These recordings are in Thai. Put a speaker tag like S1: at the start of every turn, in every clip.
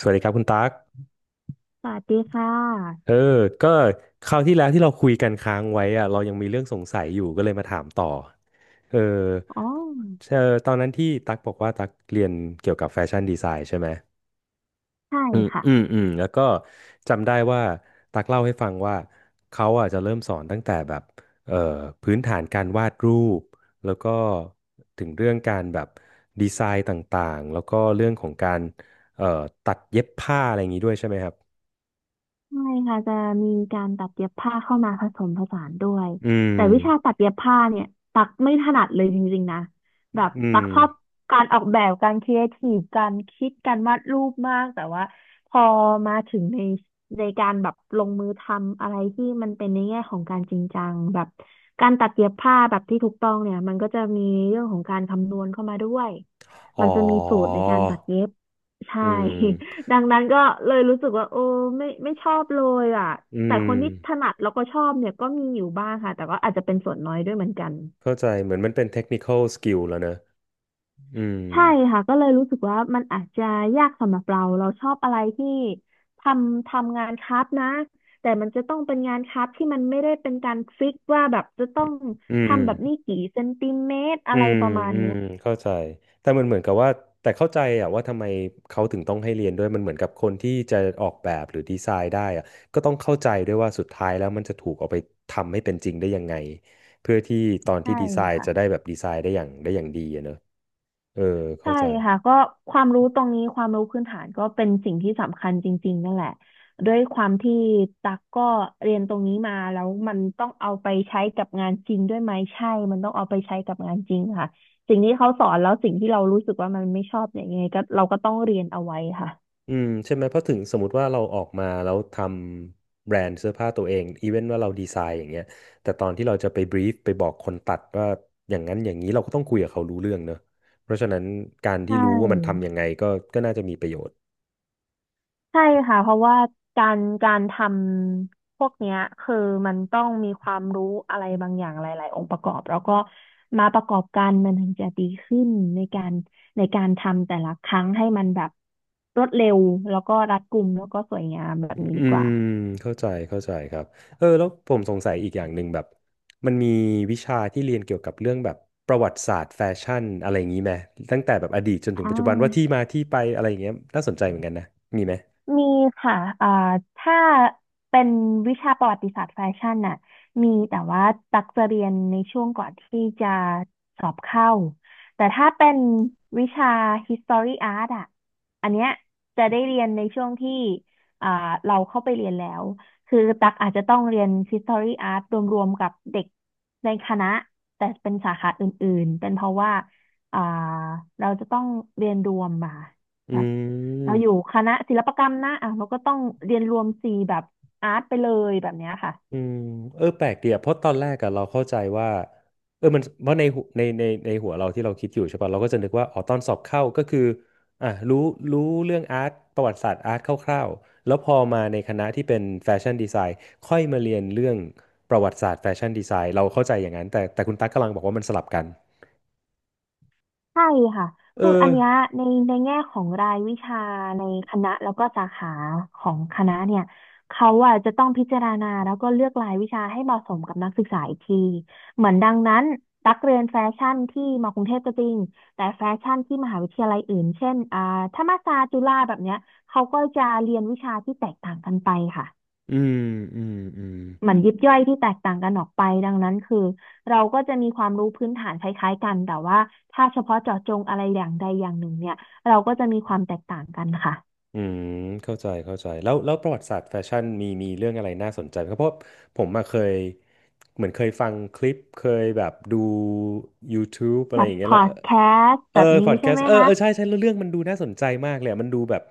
S1: สวัสดีครับคุณตั๊ก
S2: สวัสดีค่
S1: เอ
S2: ะ
S1: อ ก็คราวที่แล้วที่เราคุยกันค้างไว้อะเรายังมีเรื่องสงสัยอยู่ก็เลยมาถามต่อ เออ
S2: อ๋อ
S1: ตอนนั้นที่ตั๊กบอกว่าตั๊กเรียนเกี่ยวกับแฟชั่นดีไซน์ใช่ไหม
S2: ใช
S1: อืม
S2: ่
S1: แล้วก็จำได้ว่าตักเล่าให้ฟังว่าเขาอ่ะจะเริ่มสอนตั้งแต่แบบเอ่อพื้นฐานการวาดรูป แล้วก็ถึงเรื่องการแบบดีไซน์ต่างๆแล้วก็เรื่องของการเอ่อตัดเย็บผ้าอะไรอย่างนี้ด้วยใช่ไหมครับ
S2: ใช่ค่ะจะมีการตัดเย็บผ้าเข้ามาผสมผสานด้วย
S1: อืม
S2: แต่วิชาตัดเย็บผ้าเนี่ยตักไม่ถนัดเลยจริงๆนะแบบ
S1: อืม
S2: ตักชอบการออกแบบการครีเอทีฟการคิดการวาดรูปมากแต่ว่าพอมาถึงในการแบบลงมือทำอะไรที่มันเป็นในแง่ของการจริงจังแบบการตัดเย็บผ้าแบบที่ถูกต้องเนี่ยมันก็จะมีเรื่องของการคำนวณเข้ามาด้วยมั
S1: อ๋อ
S2: นจะมีสูตรในการตัดเย็บใช่
S1: อืม
S2: ดังนั้นก็เลยรู้สึกว่าโอ้ไม่ชอบเลยอ่ะ
S1: อื
S2: แต่
S1: ม
S2: คนที่ถนัดแล้วก็ชอบเนี่ยก็มีอยู่บ้างค่ะแต่ก็อาจจะเป็นส่วนน้อยด้วยเหมือนกัน
S1: เข้าใจ เหมือนมันเป็น technical skill แล้วเนอะอืม
S2: ใช่ค่ะก็เลยรู้สึกว่ามันอาจจะยากสำหรับเราเราชอบอะไรที่ททำงานคราฟต์นะแต่มันจะต้องเป็นงานคราฟต์ที่มันไม่ได้เป็นการฟิกว่าแบบจะต้อง
S1: อื
S2: ทำแบบนี้
S1: ม
S2: กี่เซนติเมตร
S1: อื
S2: อะไร
S1: ม
S2: ประมาณ
S1: อืม
S2: เนี้ย
S1: เข้าใจแต่มันเหมือนกับว่าแต่เข้าใจอะว่าทำไมเขาถึงต้องให้เรียนด้วยมันเหมือนกับคนที่จะออกแบบหรือดีไซน์ได้อะก็ต้องเข้าใจด้วยว่าสุดท้ายแล้วมันจะถูกเอาไปทำให้เป็นจริงได้ยังไงเพื่อที่ตอนที่
S2: ใช่
S1: ดีไซน์
S2: ค่ะ
S1: จะได้แบบดีไซน์ได้อย่างดีอะเนอะเออเข้า
S2: ใช่
S1: ใจ
S2: ค่ะก็ความรู้ตรงนี้ความรู้พื้นฐานก็เป็นสิ่งที่สำคัญจริงๆนั่นแหละด้วยความที่ตักก็เรียนตรงนี้มาแล้วมันต้องเอาไปใช้กับงานจริงด้วยไหมใช่มันต้องเอาไปใช้กับงานจริงค่ะสิ่งที่เขาสอนแล้วสิ่งที่เรารู้สึกว่ามันไม่ชอบเนี่ยยังไงก็เราก็ต้องเรียนเอาไว้ค่ะ
S1: ใช่ไหมเพราะถึงสมมติว่าเราออกมาแล้วทำแบรนด์เสื้อผ้าตัวเองอีเวนว่าเราดีไซน์อย่างเงี้ยแต่ตอนที่เราจะไปบรีฟไปบอกคนตัดว่าอย่างนั้นอย่างนี้เราก็ต้องคุยกับเขารู้เรื่องเนอะเพราะฉะนั้นการ
S2: ใช
S1: ที่รู้ว่ามันทำ
S2: ่
S1: ยังไงก็น่าจะมีประโยชน์
S2: ใช่ค่ะเพราะว่าการทำพวกเนี้ยคือมันต้องมีความรู้อะไรบางอย่างหลายๆองค์ประกอบแล้วก็มาประกอบกันมันถึงจะดีขึ้นในการในการทำแต่ละครั้งให้มันแบบรวดเร็วแล้วก็รัดกุมแล้วก็สวยงามแบบนี้
S1: อื
S2: ดีก
S1: ม
S2: ว่า
S1: เข้าใจเข้าใจครับแล้วผมสงสัยอีกอย่างหนึ่งแบบมันมีวิชาที่เรียนเกี่ยวกับเรื่องแบบประวัติศาสตร์แฟชั่นอะไรอย่างนี้ไหมตั้งแต่แบบอดีตจนถึง
S2: อ่
S1: ปัจจุบันว่าที่
S2: า
S1: มาที่ไปอะไรอย่างเงี้ยน่าสนใจเหมือนกันนะมีไหม
S2: มีค่ะอ่าถ้าเป็นวิชาประวัติศาสตร์แฟชั่นน่ะมีแต่ว่าตักจะเรียนในช่วงก่อนที่จะสอบเข้า แต่ถ้าเป็นวิชา History Art อ่ะอันเนี้ยจะได้เรียนในช่วงที่อ่าเราเข้าไปเรียนแล้ว คือตักอาจจะต้องเรียน History Art รวมๆกับเด็กในคณะแต่เป็นสาขาอื่นๆ เป็นเพราะว่าอ่าเราจะต้องเรียนรวมมา
S1: อื
S2: เราอยู่
S1: ม
S2: คณะศิลปกรรมนะอ่ะเราก็ต้องเรียนรวมสีแบบอาร์ตไปเลยแบบเนี้ยค่ะ
S1: อืมแปลกดีอะเพราะตอนแรกอะเราเข้าใจว่ามันเพราะในหัวในหัวเราที่เราคิดอยู่ใช่ป่ะเราก็จะนึกว่าอ๋อตอนสอบเข้าก็คืออ่ะรู้เรื่องอาร์ตประวัติศาสตร์อาร์ตคร่าวๆแล้วพอมาในคณะที่เป็นแฟชั่นดีไซน์ค่อยมาเรียนเรื่องประวัติศาสตร์แฟชั่นดีไซน์เราเข้าใจอย่างนั้นแต่คุณตั๊กกำลังบอกว่ามันสลับกัน
S2: ใช่ค่ะ
S1: เอ
S2: คืออันเนี้ย
S1: อ
S2: ในในแง่ของรายวิชาในคณะแล้วก็สาขาของคณะเนี่ยเขาอ่ะจะต้องพิจารณาแล้วก็เลือกรายวิชาให้เหมาะสมกับนักศึกษาอีกทีเหมือนดังนั้นตักเรียนแฟชั่นที่มากรุงเทพก็จริงแต่แฟชั่นที่มหาวิทยาลัยอื่นเช่นธรรมศาสตร์จุฬาแบบเนี้ยเขาก็จะเรียนวิชาที่แตกต่างกันไปค่ะ
S1: อืมอืมอืม
S2: เหมือนยิบย่อยที่แตกต่างกันออกไปดังนั้นคือเราก็จะมีความรู้พื้นฐานคล้ายๆกันแต่ว่าถ้าเฉพาะเจาะจงอะไรอย่างใดอย่างหนึ่งเนี่ยเราก็จะมีความแตกต่างกันค่ะ
S1: อืมเข้าใจเข้าใจแล้วประวัติศาสตร์แฟชั่นมีเรื่องอะไรน่าสนใจไหมครับเพราะผมมาเคยเหมือนเคยฟังคลิปเคยแบบดู YouTube อะ
S2: แบ
S1: ไรอ
S2: บ
S1: ย่างเงี้
S2: พ
S1: ยแล้
S2: อ
S1: ว
S2: ดแคสต์
S1: เอ
S2: แบ
S1: อ
S2: บนี้
S1: พอดแค
S2: ใช่
S1: ส
S2: ไหม
S1: ต์เออ
S2: คะ
S1: เออใช่ใช่แล้วเรื่องมันดูน่าสนใจมากเลยอะมันดูแบบ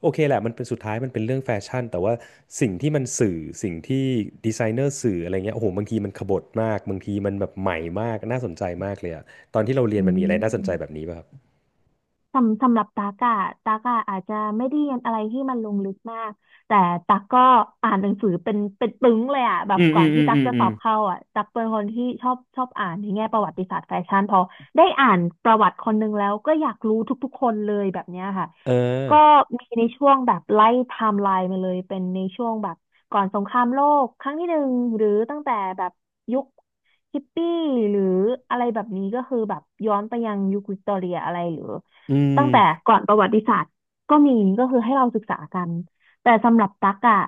S1: โอเคแหละมันเป็นสุดท้ายมันเป็นเรื่องแฟชั่นแต่ว่าสิ่งที่มันสื่อสิ่งที่ดีไซเนอร์สื่ออะไรเงี้ยโอ้โหบางทีมันขบถมากบางทีมันแบบใหม่มากน่าสนใจมากเลยอะตอนที่เราเรียน
S2: อื
S1: มันมีอะไรน่าสนใจแบบ
S2: ม
S1: นี้ป่ะครับ
S2: สำหรับตากอะอาจจะไม่ได้เรียนอะไรที่มันลงลึกมากแต่ตักก็อ่านหนังสือเป็นปึ้งเลยอะแบ
S1: อื
S2: บ
S1: ม
S2: ก่อ
S1: อื
S2: น
S1: มอื
S2: ที่
S1: ม
S2: ตั
S1: อื
S2: ก
S1: ม
S2: จะ
S1: อื
S2: สอ
S1: ม
S2: บเข้าอะตักเป็นคนที่ชอบอ่านในแง่ประวัติศาสตร์แฟชั่นพอได้อ่านประวัติคนหนึ่งแล้วก็อยากรู้ทุกๆคนเลยแบบเนี้ยค่ะ
S1: เออ
S2: ก็มีในช่วงแบบไล่ไทม์ไลน์มาเลยเป็นในช่วงแบบก่อนสงครามโลกครั้งที่หนึ่งหรือตั้งแต่แบบยุคฮิปปี้หรืออะไรแบบนี้ก็คือแบบย้อนไปยังยุควิกตอเรียอะไรหรือ
S1: อื
S2: ตั้งแต่
S1: ม
S2: ก่อนประวัติศาสตร์ก็มีก็คือให้เราศึกษากันแต่สำหรับตักอะ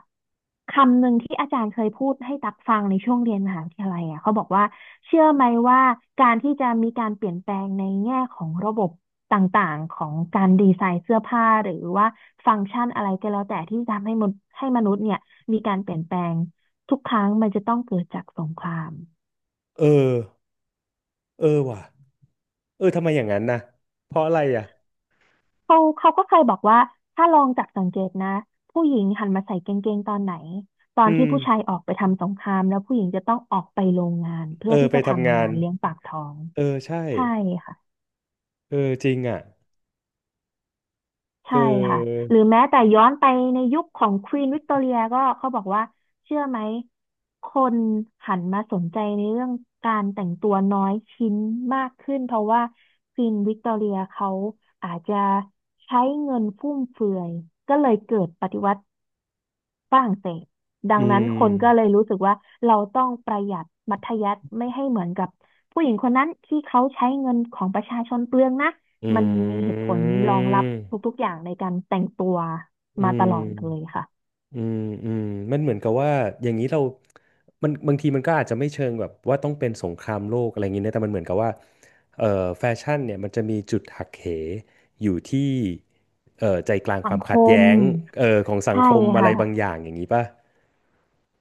S2: คำหนึ่งที่อาจารย์เคยพูดให้ตักฟังในช่วงเรียนมหาวิทยาลัยอะเขาบอกว่าเชื่อไหมว่าการที่จะมีการเปลี่ยนแปลงในแง่ของระบบต่างๆของการดีไซน์เสื้อผ้าหรือว่าฟังก์ชันอะไรก็แล้วแต่ที่ทำให้มนุษย์เนี่ยมีการเปลี่ยนแปลงทุกครั้งมันจะต้องเกิดจากสงคราม
S1: เออ เออว่ะเออทำไมอย่างนั้นนะเพราะอะไรอ่ะ
S2: เขาก็เคยบอกว่าถ้าลองจับสังเกตนะผู้หญิงหันมาใส่กางเกงตอนไหนตอน
S1: อื
S2: ที่
S1: ม
S2: ผู้ชายออกไปทำสงครามแล้วผู้หญิงจะต้องออกไปโรงงาน
S1: เอ
S2: เพื่อ
S1: อ
S2: ที่
S1: ไป
S2: จะ
S1: ทำ
S2: ทำ
S1: งา
S2: งา
S1: น
S2: นเลี้ยงปากท้อง
S1: เออใช่
S2: ใช่ค่ะ
S1: เออจริงอ่ะเอ
S2: ใช่ค่ะ
S1: อ
S2: หรือแม้แต่ย้อนไปในยุคของควีนวิกตอเรียก็เขาบอกว่าเชื่อไหมคนหันมาสนใจในเรื่องการแต่งตัวน้อยชิ้นมากขึ้นเพราะว่าควีนวิกตอเรียเขาอาจจะใช้เงินฟุ่มเฟือยก็เลยเกิดปฏิวัติฝรั่งเศสดั
S1: อื
S2: งนั้นคนก็เลย
S1: ม
S2: รู้สึกว่าเราต้องประหยัดมัธยัสถ์ไม่ให้เหมือนกับผู้หญิงคนนั้นที่เขาใช้เงินของประชาชนเปลืองนะ
S1: อืม
S2: มันมีเหตุผลรองรับทุกๆอย่างในการแต่งตัว
S1: อื
S2: มาตลอดเลย
S1: ม
S2: ค่ะ
S1: อืมอืมมันเหมือนกับว่าอย่างนี้เรามันบางทีมันก็อาจจะไม่เชิงแบบว่าต้องเป็นสงครามโลกอะไรอย่างนี้นะแต่มันเหมือนกับว่าเอ่อแฟชั่นเนี่ยมันจะมีจุดหักเหอยู่ที่ใจกลางค
S2: สัง
S1: วาม
S2: ค
S1: ขัด
S2: ม
S1: แย้งของสัง
S2: ใช่
S1: คมอะไร
S2: ค่ะ
S1: บางอย่างอย่างนี้ป่ะ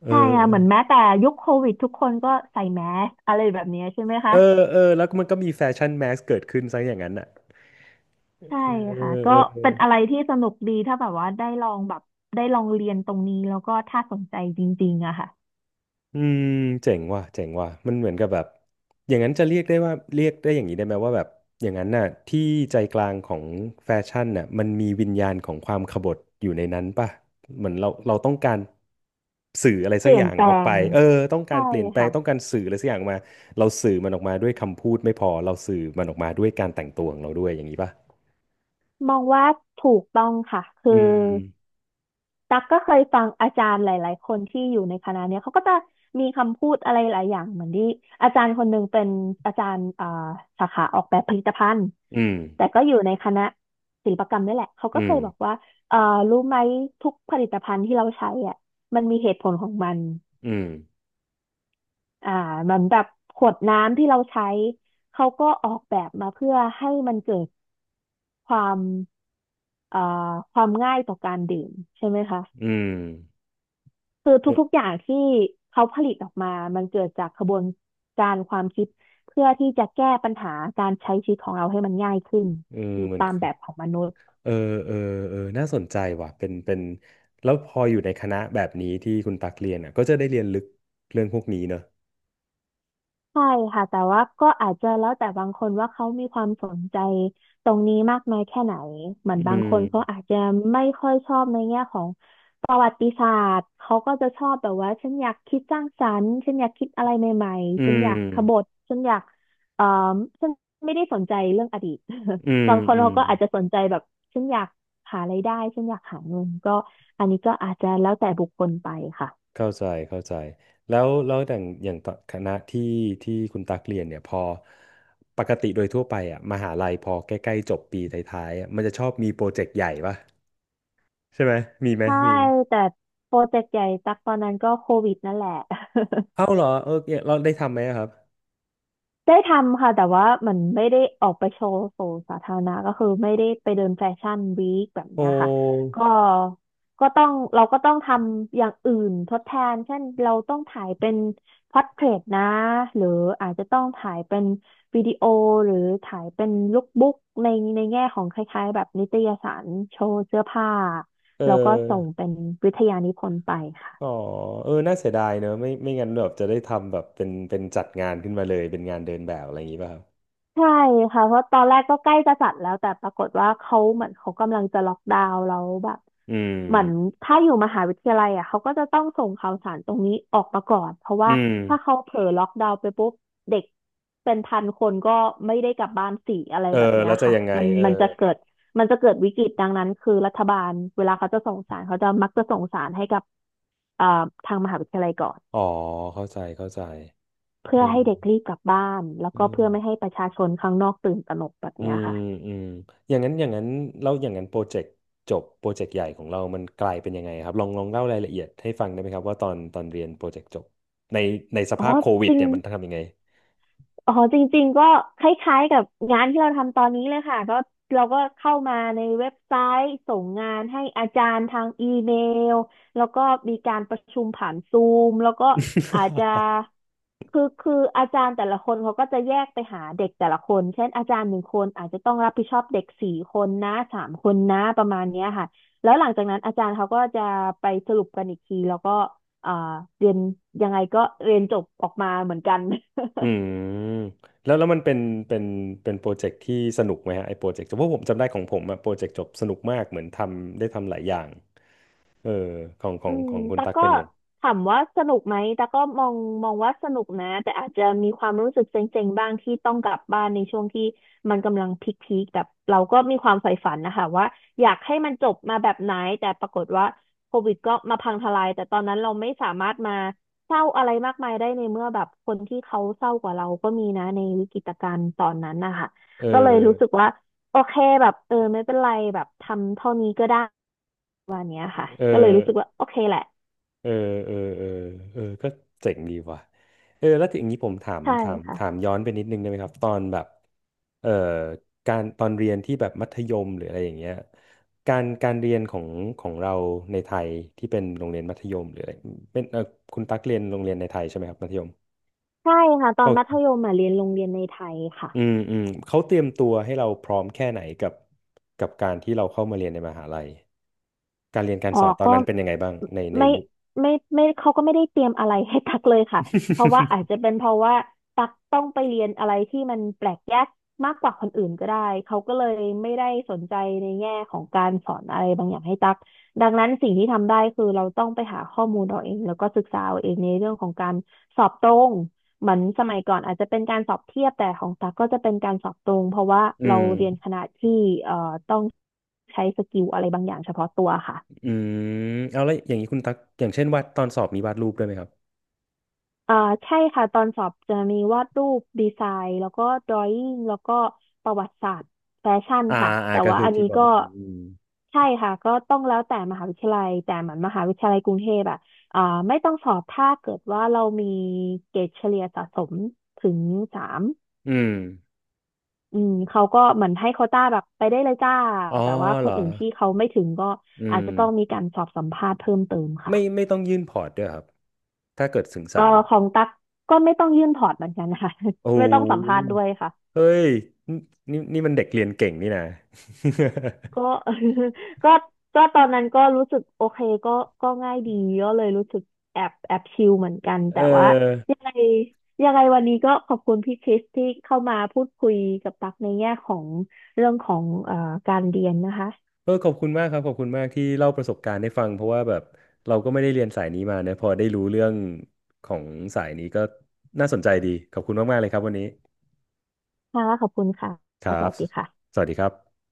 S1: เอ
S2: ใช่
S1: อ
S2: ค่ะเหมือนแม้แต่ยุคโควิดทุกคนก็ใส่แมสอะไรแบบนี้ใช่ไหมคะ
S1: เออเออแล้วมันก็มีแฟชั่นแมสเกิดขึ้นซะอย่างนั้นอ่ะ
S2: ใช่ค่ะก็เป็นอะไรที่สนุกดีถ้าแบบว่าได้ลองแบบได้ลองเรียนตรงนี้แล้วก็ถ้าสนใจจริงๆอะค่ะ
S1: อืมเจ๋งว่ะเจ๋งว่ะมันเหมือนกับแบบอย่างนั้นจะเรียกได้อย่างนี้ได้ไหมว่าแบบอย่างนั้นน่ะที่ใจกลางของแฟชั่นน่ะมันมีวิญญาณของความขบถอยู่ในนั้นป่ะเหมือนเราต้องการสื่ออะไร
S2: เป
S1: สัก
S2: ลี่
S1: อ
S2: ยน
S1: ย่าง
S2: แปล
S1: ออกไป
S2: ง
S1: ต้องกา
S2: ใช่
S1: รเปลี่ยนแปลง
S2: ค่ะ
S1: ต้องการสื่ออะไรสักอย่างออกมาเราสื่อมันออกมาด้วยคำพูดไม่พอเราสื่อมันออกมาด้วยการแต่งตัวของเราด้วยอย่างนี้ป่ะ
S2: มองว่าถูกต้องค่ะ
S1: อื
S2: คือ
S1: ม
S2: ตักก็เคยฟังอาจารย์หลายๆคนที่อยู่ในคณะเนี้ยเขาก็จะมีคำพูดอะไรหลายอย่างเหมือนที่อาจารย์คนหนึ่งเป็นอาจารย์สาขาออกแบบผลิตภัณฑ์
S1: อืม
S2: แต่ก็อยู่ในคณะศิลปกรรมนี่แหละเขาก็
S1: อื
S2: เค
S1: ม
S2: ยบอกว่าเอ่อรู้ไหมทุกผลิตภัณฑ์ที่เราใช้อ่ะมันมีเหตุผลของมัน
S1: อืม
S2: อ่ามันแบบขวดน้ำที่เราใช้เขาก็ออกแบบมาเพื่อให้มันเกิดความเอ่อความง่ายต่อการดื่มใช่ไหมคะ
S1: อืม
S2: คือทุกๆ อย่างที่เขาผลิตออกมา มันเกิดจากกระบวนการความคิดเพื่อที่จะแก้ปัญหาการใช้ชีวิตของเราให้มันง่ายขึ้น
S1: เออเหมือน
S2: ตาม
S1: คือ
S2: แบบของมนุษย์
S1: เออเออเออน่าสนใจว่ะเป็นแล้วพออยู่ในคณะแบบนี้ที่คุณตักเรียนอ่ะก็จะได้เรียนลึกเรื่องพวกนี้เนอะ
S2: ใช่ค่ะแต่ว่าก็อาจจะแล้วแต่บางคนว่าเขามีความสนใจตรงนี้มากน้อยแค่ไหนเหมือ
S1: อื
S2: นบางคนเขา
S1: ม
S2: อาจจะไม่ค่อยชอบในแง่ของประวัติศาสตร์เขาก็จะชอบแบบว่าฉันอยากคิดสร้างสรรค์ฉันอยากคิดอะไรใหม่
S1: อื
S2: ๆฉันอยา
S1: ม
S2: กขบถฉันอยากเอ่อฉันไม่ได้สนใจเรื่องอดีต
S1: อื ม
S2: บางคน
S1: อืม
S2: เขาก็อาจจะสนใจแบบฉันอยากหารายได้ฉันอยากหาเงินก็อันนี้ก็อาจจะแล้วแต่บุคคลไปค่ะ
S1: เข้าใจเข้าใจแล้วอย่างตอนคณะที่คุณตักเรียนเนี่ยพอปกติโดยทั่วไปอ่ะมหาลัยพอใกล้ๆจบปีท้ายๆอะมันจะชอบมีโปรเจกต์ใหญ่ป่ะใช่ไหมมีไหม
S2: ใช่
S1: มีไหม
S2: แต่โปรเจกต์ใหญ่ตักตอนนั้นก็โควิดนั่นแหละ
S1: เอ้าเหรอเออเนี่ยเราได้ทำไหมอะครับ
S2: ได้ทำค่ะแต่ว่ามันไม่ได้ออกไปโชว์สู่สาธารณะก็คือไม่ได้ไปเดินแฟชั่นวีคแบบ
S1: โอ
S2: เนี้ยค่ะ
S1: ้
S2: ก็ก็ต้องเราก็ต้องทำอย่างอื่นทดแทนเช่นเราต้องถ่ายเป็นพ o r t เทรตนะหรืออาจจะต้องถ่ายเป็นวิดีโอหรือถ่ายเป็นลุคบุ๊กในในแง่ของคล้ายๆแบบนิตยสารโชว์เสื้อผ้า
S1: เออ
S2: แล้วก็ส่งเป็นวิทยานิพนธ์ไปค่ะ
S1: อ๋อเออน่าเสียดายเนอะไม่ไม่งั้นแบบจะได้ทำแบบเป็นจัดงานขึ้นมาเลยเป็นงานเดินแบบอะไรอย่างงี้ป่ะครับ
S2: ใช่ค่ะเพราะตอนแรกก็ใกล้จะจัดแล้วแต่ปรากฏว่าเขาเหมือนเขากำลังจะล็อกดาวน์แล้วแบบ
S1: อื
S2: เหมือน
S1: ม
S2: ถ้าอยู่มหาวิทยาลัยอ่ะเขาก็จะต้องส่งข่าวสารตรงนี้ออกมาก่อนเพราะ
S1: อื
S2: ว่า
S1: ม
S2: ถ้าเขาเผลอล็อกดาวน์ไปปุ๊บเด็กเป็นพันคนก็ไม่ได้กลับบ้านสี่อะไร
S1: เออ
S2: แบบเนี้ย
S1: แล้วจะ
S2: ค่ะ
S1: ยังไง
S2: มัน
S1: เออ
S2: มันจะเกิดมันจะเกิดวิกฤตดังนั้นคือรัฐบาลเวลาเขาจะส่งสารเขาจะมักจะส่งสารให้กับเอ่อทางมหาวิทยาลัยก่อน
S1: อ๋อเข้าใจเข้าใจเอ
S2: เพื่
S1: อ
S2: อให้เด็กรีบกลับบ้านแล้ว
S1: เอ
S2: ก็เพื่อไม่
S1: อ
S2: ให้ประชาชนข้างนอกตื่นตระหนกแบบ
S1: อื
S2: เนี้ย
S1: ม
S2: ค่ะ
S1: อืมอย่างนั้นอย่างนั้นแล้วอย่างนั้นโปรเจกต์จบโปรเจกต์ใหญ่ของเรามันกลายเป็นยังไงครับลองลองเล่ารายละเอียดให้ฟังได้ไหมครับว่าตอนตอนเรียนโปรเจกต์จบในในส
S2: อ๋อ
S1: ภาพโควิ
S2: จ
S1: ด
S2: ริง
S1: เนี่ยมันทำยังไง
S2: อ๋อจริงๆก็คล้ายๆกับงานที่เราทำตอนนี้เลยค่ะก็เราก็เข้ามาในเว็บไซต์ส่งงานให้อาจารย์ทางอีเมลแล้วก็มีการประชุมผ่านซูมแล้วก็อาจจะ คืออาจารย์แต่ละคนเขาก็จะแยกไปหาเด็กแต่ละคนเช่นอาจารย์หนึ่งคนอาจจะต้องรับผิดชอบเด็กสี่คนนะสามคนนะประมาณเนี้ยค่ะแล้วหลังจากนั้นอาจารย์เขาก็จะไปสรุปกันอีกทีแล้วก็อ่าเรียนยังไงก็เรียนจบออกมาเหมือนกัน
S1: อืมแล้วแล้วมันเป็นเป็นเป็นโปรเจกต์ที่สนุกไหมฮะไอ้โปรเจกต์เพราะผมจำได้ของผมอะโปรเจกต์จบสนุกมากเหมือนทำได้ทำหลายอย่างเออของขอ
S2: อื
S1: ง
S2: ม
S1: ของคุณ
S2: แต่ก
S1: ตัก
S2: ก็
S1: เป็นไง
S2: ถามว่าสนุกไหมแต่กก็มองว่าสนุกนะแต่อาจจะมีความรู้สึกเซ็งๆบ้างที่ต้องกลับบ้านในช่วงที่มันกำลังพีคๆแบบเราก็มีความใฝ่ฝันนะคะว่าอยากให้มันจบมาแบบไหนแต่ปรากฏว่าโควิดก็มาพังทลายแต่ตอนนั้นเราไม่สามารถมาเศร้าอะไรมากมายได้ในเมื่อแบบคนที่เขาเศร้ากว่าเราก็มีนะในวิกฤตการณ์ตอนนั้นนะคะ
S1: เอ
S2: ก็เลยรู้สึก
S1: อ
S2: ว่าโอเคแบบเออไม่เป็นไรแบบทำเท่านี้ก็ได้
S1: เอ
S2: ก็เลยรู้สึ
S1: อ
S2: กว่าโอเคแหละ
S1: เออเออเออเออก็เจ๋งดีว่ะเออแล้วทีอย่างนี้ผมถาม
S2: ใช่
S1: ถามถาม
S2: ค่ะ
S1: ย้อนไปนิดนึงได้ไหมครับตอนแบบเอ่อการตอนเรียนที่แบบมัธยมหรืออะไรอย่างเงี้ยการเรียนของเราในไทยที่เป็นโรงเรียนมัธยมหรืออะไรเป็นเออคุณตั๊กเรียนโรงเรียนในไทยใช่ไหมครับมัธยม
S2: ใช่ค่ะตอ
S1: โอ
S2: นมัธ
S1: เค
S2: ยมอ่ะเรียนโรงเรียนในไทยค่ะ
S1: อืมอืมเขาเตรียมตัวให้เราพร้อมแค่ไหนกับกับการที่เราเข้ามาเรียนในมหาลัย การเรียนการ
S2: อ๋
S1: ส
S2: อ
S1: อนตอน
S2: ก็
S1: นั้นเป็นยังไงบ้างในใน
S2: ไม่
S1: ยุค
S2: ไม่เขาก็ไม่ได้เตรียมอะไรให้ตักเลยค่ะเพราะว่าอาจจะเป็นเพราะว่าตักต้องไปเรียนอะไรที่มันแปลกแยกมากกว่าคนอื่นก็ได้เขาก็เลยไม่ได้สนใจในแง่ของการสอนอะไรบางอย่างให้ตักดังนั้นสิ่งที่ทำได้คือเราต้องไปหาข้อมูลเราเองแล้วก็ศึกษาเอาเองในเรื่องของการสอบตรงเหมือนสมัยก่อนอาจจะเป็นการสอบเทียบแต่ของตักก็จะเป็นการสอบตรงเพราะว่า
S1: อื
S2: เรา
S1: ม
S2: เรียนคณะที่เอ่อต้องใช้สกิลอะไรบางอย่างเฉพาะตัวค่ะ
S1: อืมเอาแล้วอย่างนี้คุณตักอย่างเช่นวาดตอนสอบมีวาดรูปด้วยไหมครับ
S2: อ่าใช่ค่ะตอนสอบจะมีวาดรูปดีไซน์แล้วก็ดรอย n งแล้วก็ประวัติศาสตร์แฟชั่น
S1: อ่า
S2: ค่ะ
S1: อ่า
S2: แต่
S1: ก็
S2: ว่า
S1: คือ
S2: อัน
S1: ที่
S2: นี้
S1: บอก
S2: ก็
S1: อืม
S2: ใช่ค่ะก็ต้องแล้วแต่มหาวิทยาลัยแต่เหมือนมหาวิทยาลัยกรุงเทพอะอ่าไม่ต้องสอบถ้าเกิดว่าเรามีเกรดเฉลี่ยสะสมถึงสาม
S1: อืม
S2: อืมเขาก็เหมือนให้โควต้าแบบไปได้เลยจ้า
S1: อ๋อ
S2: แต่ว่าค
S1: เหร
S2: น
S1: อ
S2: อื่นที่เขาไม่ถึงก็
S1: อื
S2: อาจ
S1: ม
S2: จะต้องมีการสอบสัมภาษณ์เพิ่มเติมค่ะ
S1: ไม่ไม่ต้องยื่นพอร์ตด้วยครับถ้าเกิดถึง
S2: เอ่อ
S1: สาม
S2: ของตั๊กก็ไม่ต้องยื่นถอดเหมือนกันค่ะ
S1: โอ้
S2: ไม่ต้องสัมภาษณ์ด้
S1: โห
S2: วยค่ะ
S1: เฮ้ยนี่นี่มันเด็กเรียนเก่งนี่นะ
S2: ก็ ก็ก็ตอนนั้นก็รู้สึกโอเคก็ก็ง่ายดีก็เลยรู้สึกแอบชิลเหมือนกัน
S1: เ
S2: แต่ว่า
S1: ออ
S2: ยังไงยังไงวันนี้ก็ขอบคุณพี่คริสที่เข้ามาพูดคุยกับตั๊กในแง่ของเรื่องของการเรียนนะคะ
S1: เออขอบคุณมากครับขอบคุณมากที่เล่าประสบการณ์ให้ฟังเพราะว่าแบบเราก็ไม่ได้เรียนสายนี้มานะพอได้รู้เรื่องของสายนี้ก็น่าสนใจดีขอบคุณมากๆเลยครับวันนี้
S2: ค่ะขอบคุณค่ะ
S1: ครั
S2: ส
S1: บ
S2: วัสดีค่ะ
S1: สวัสดีครับ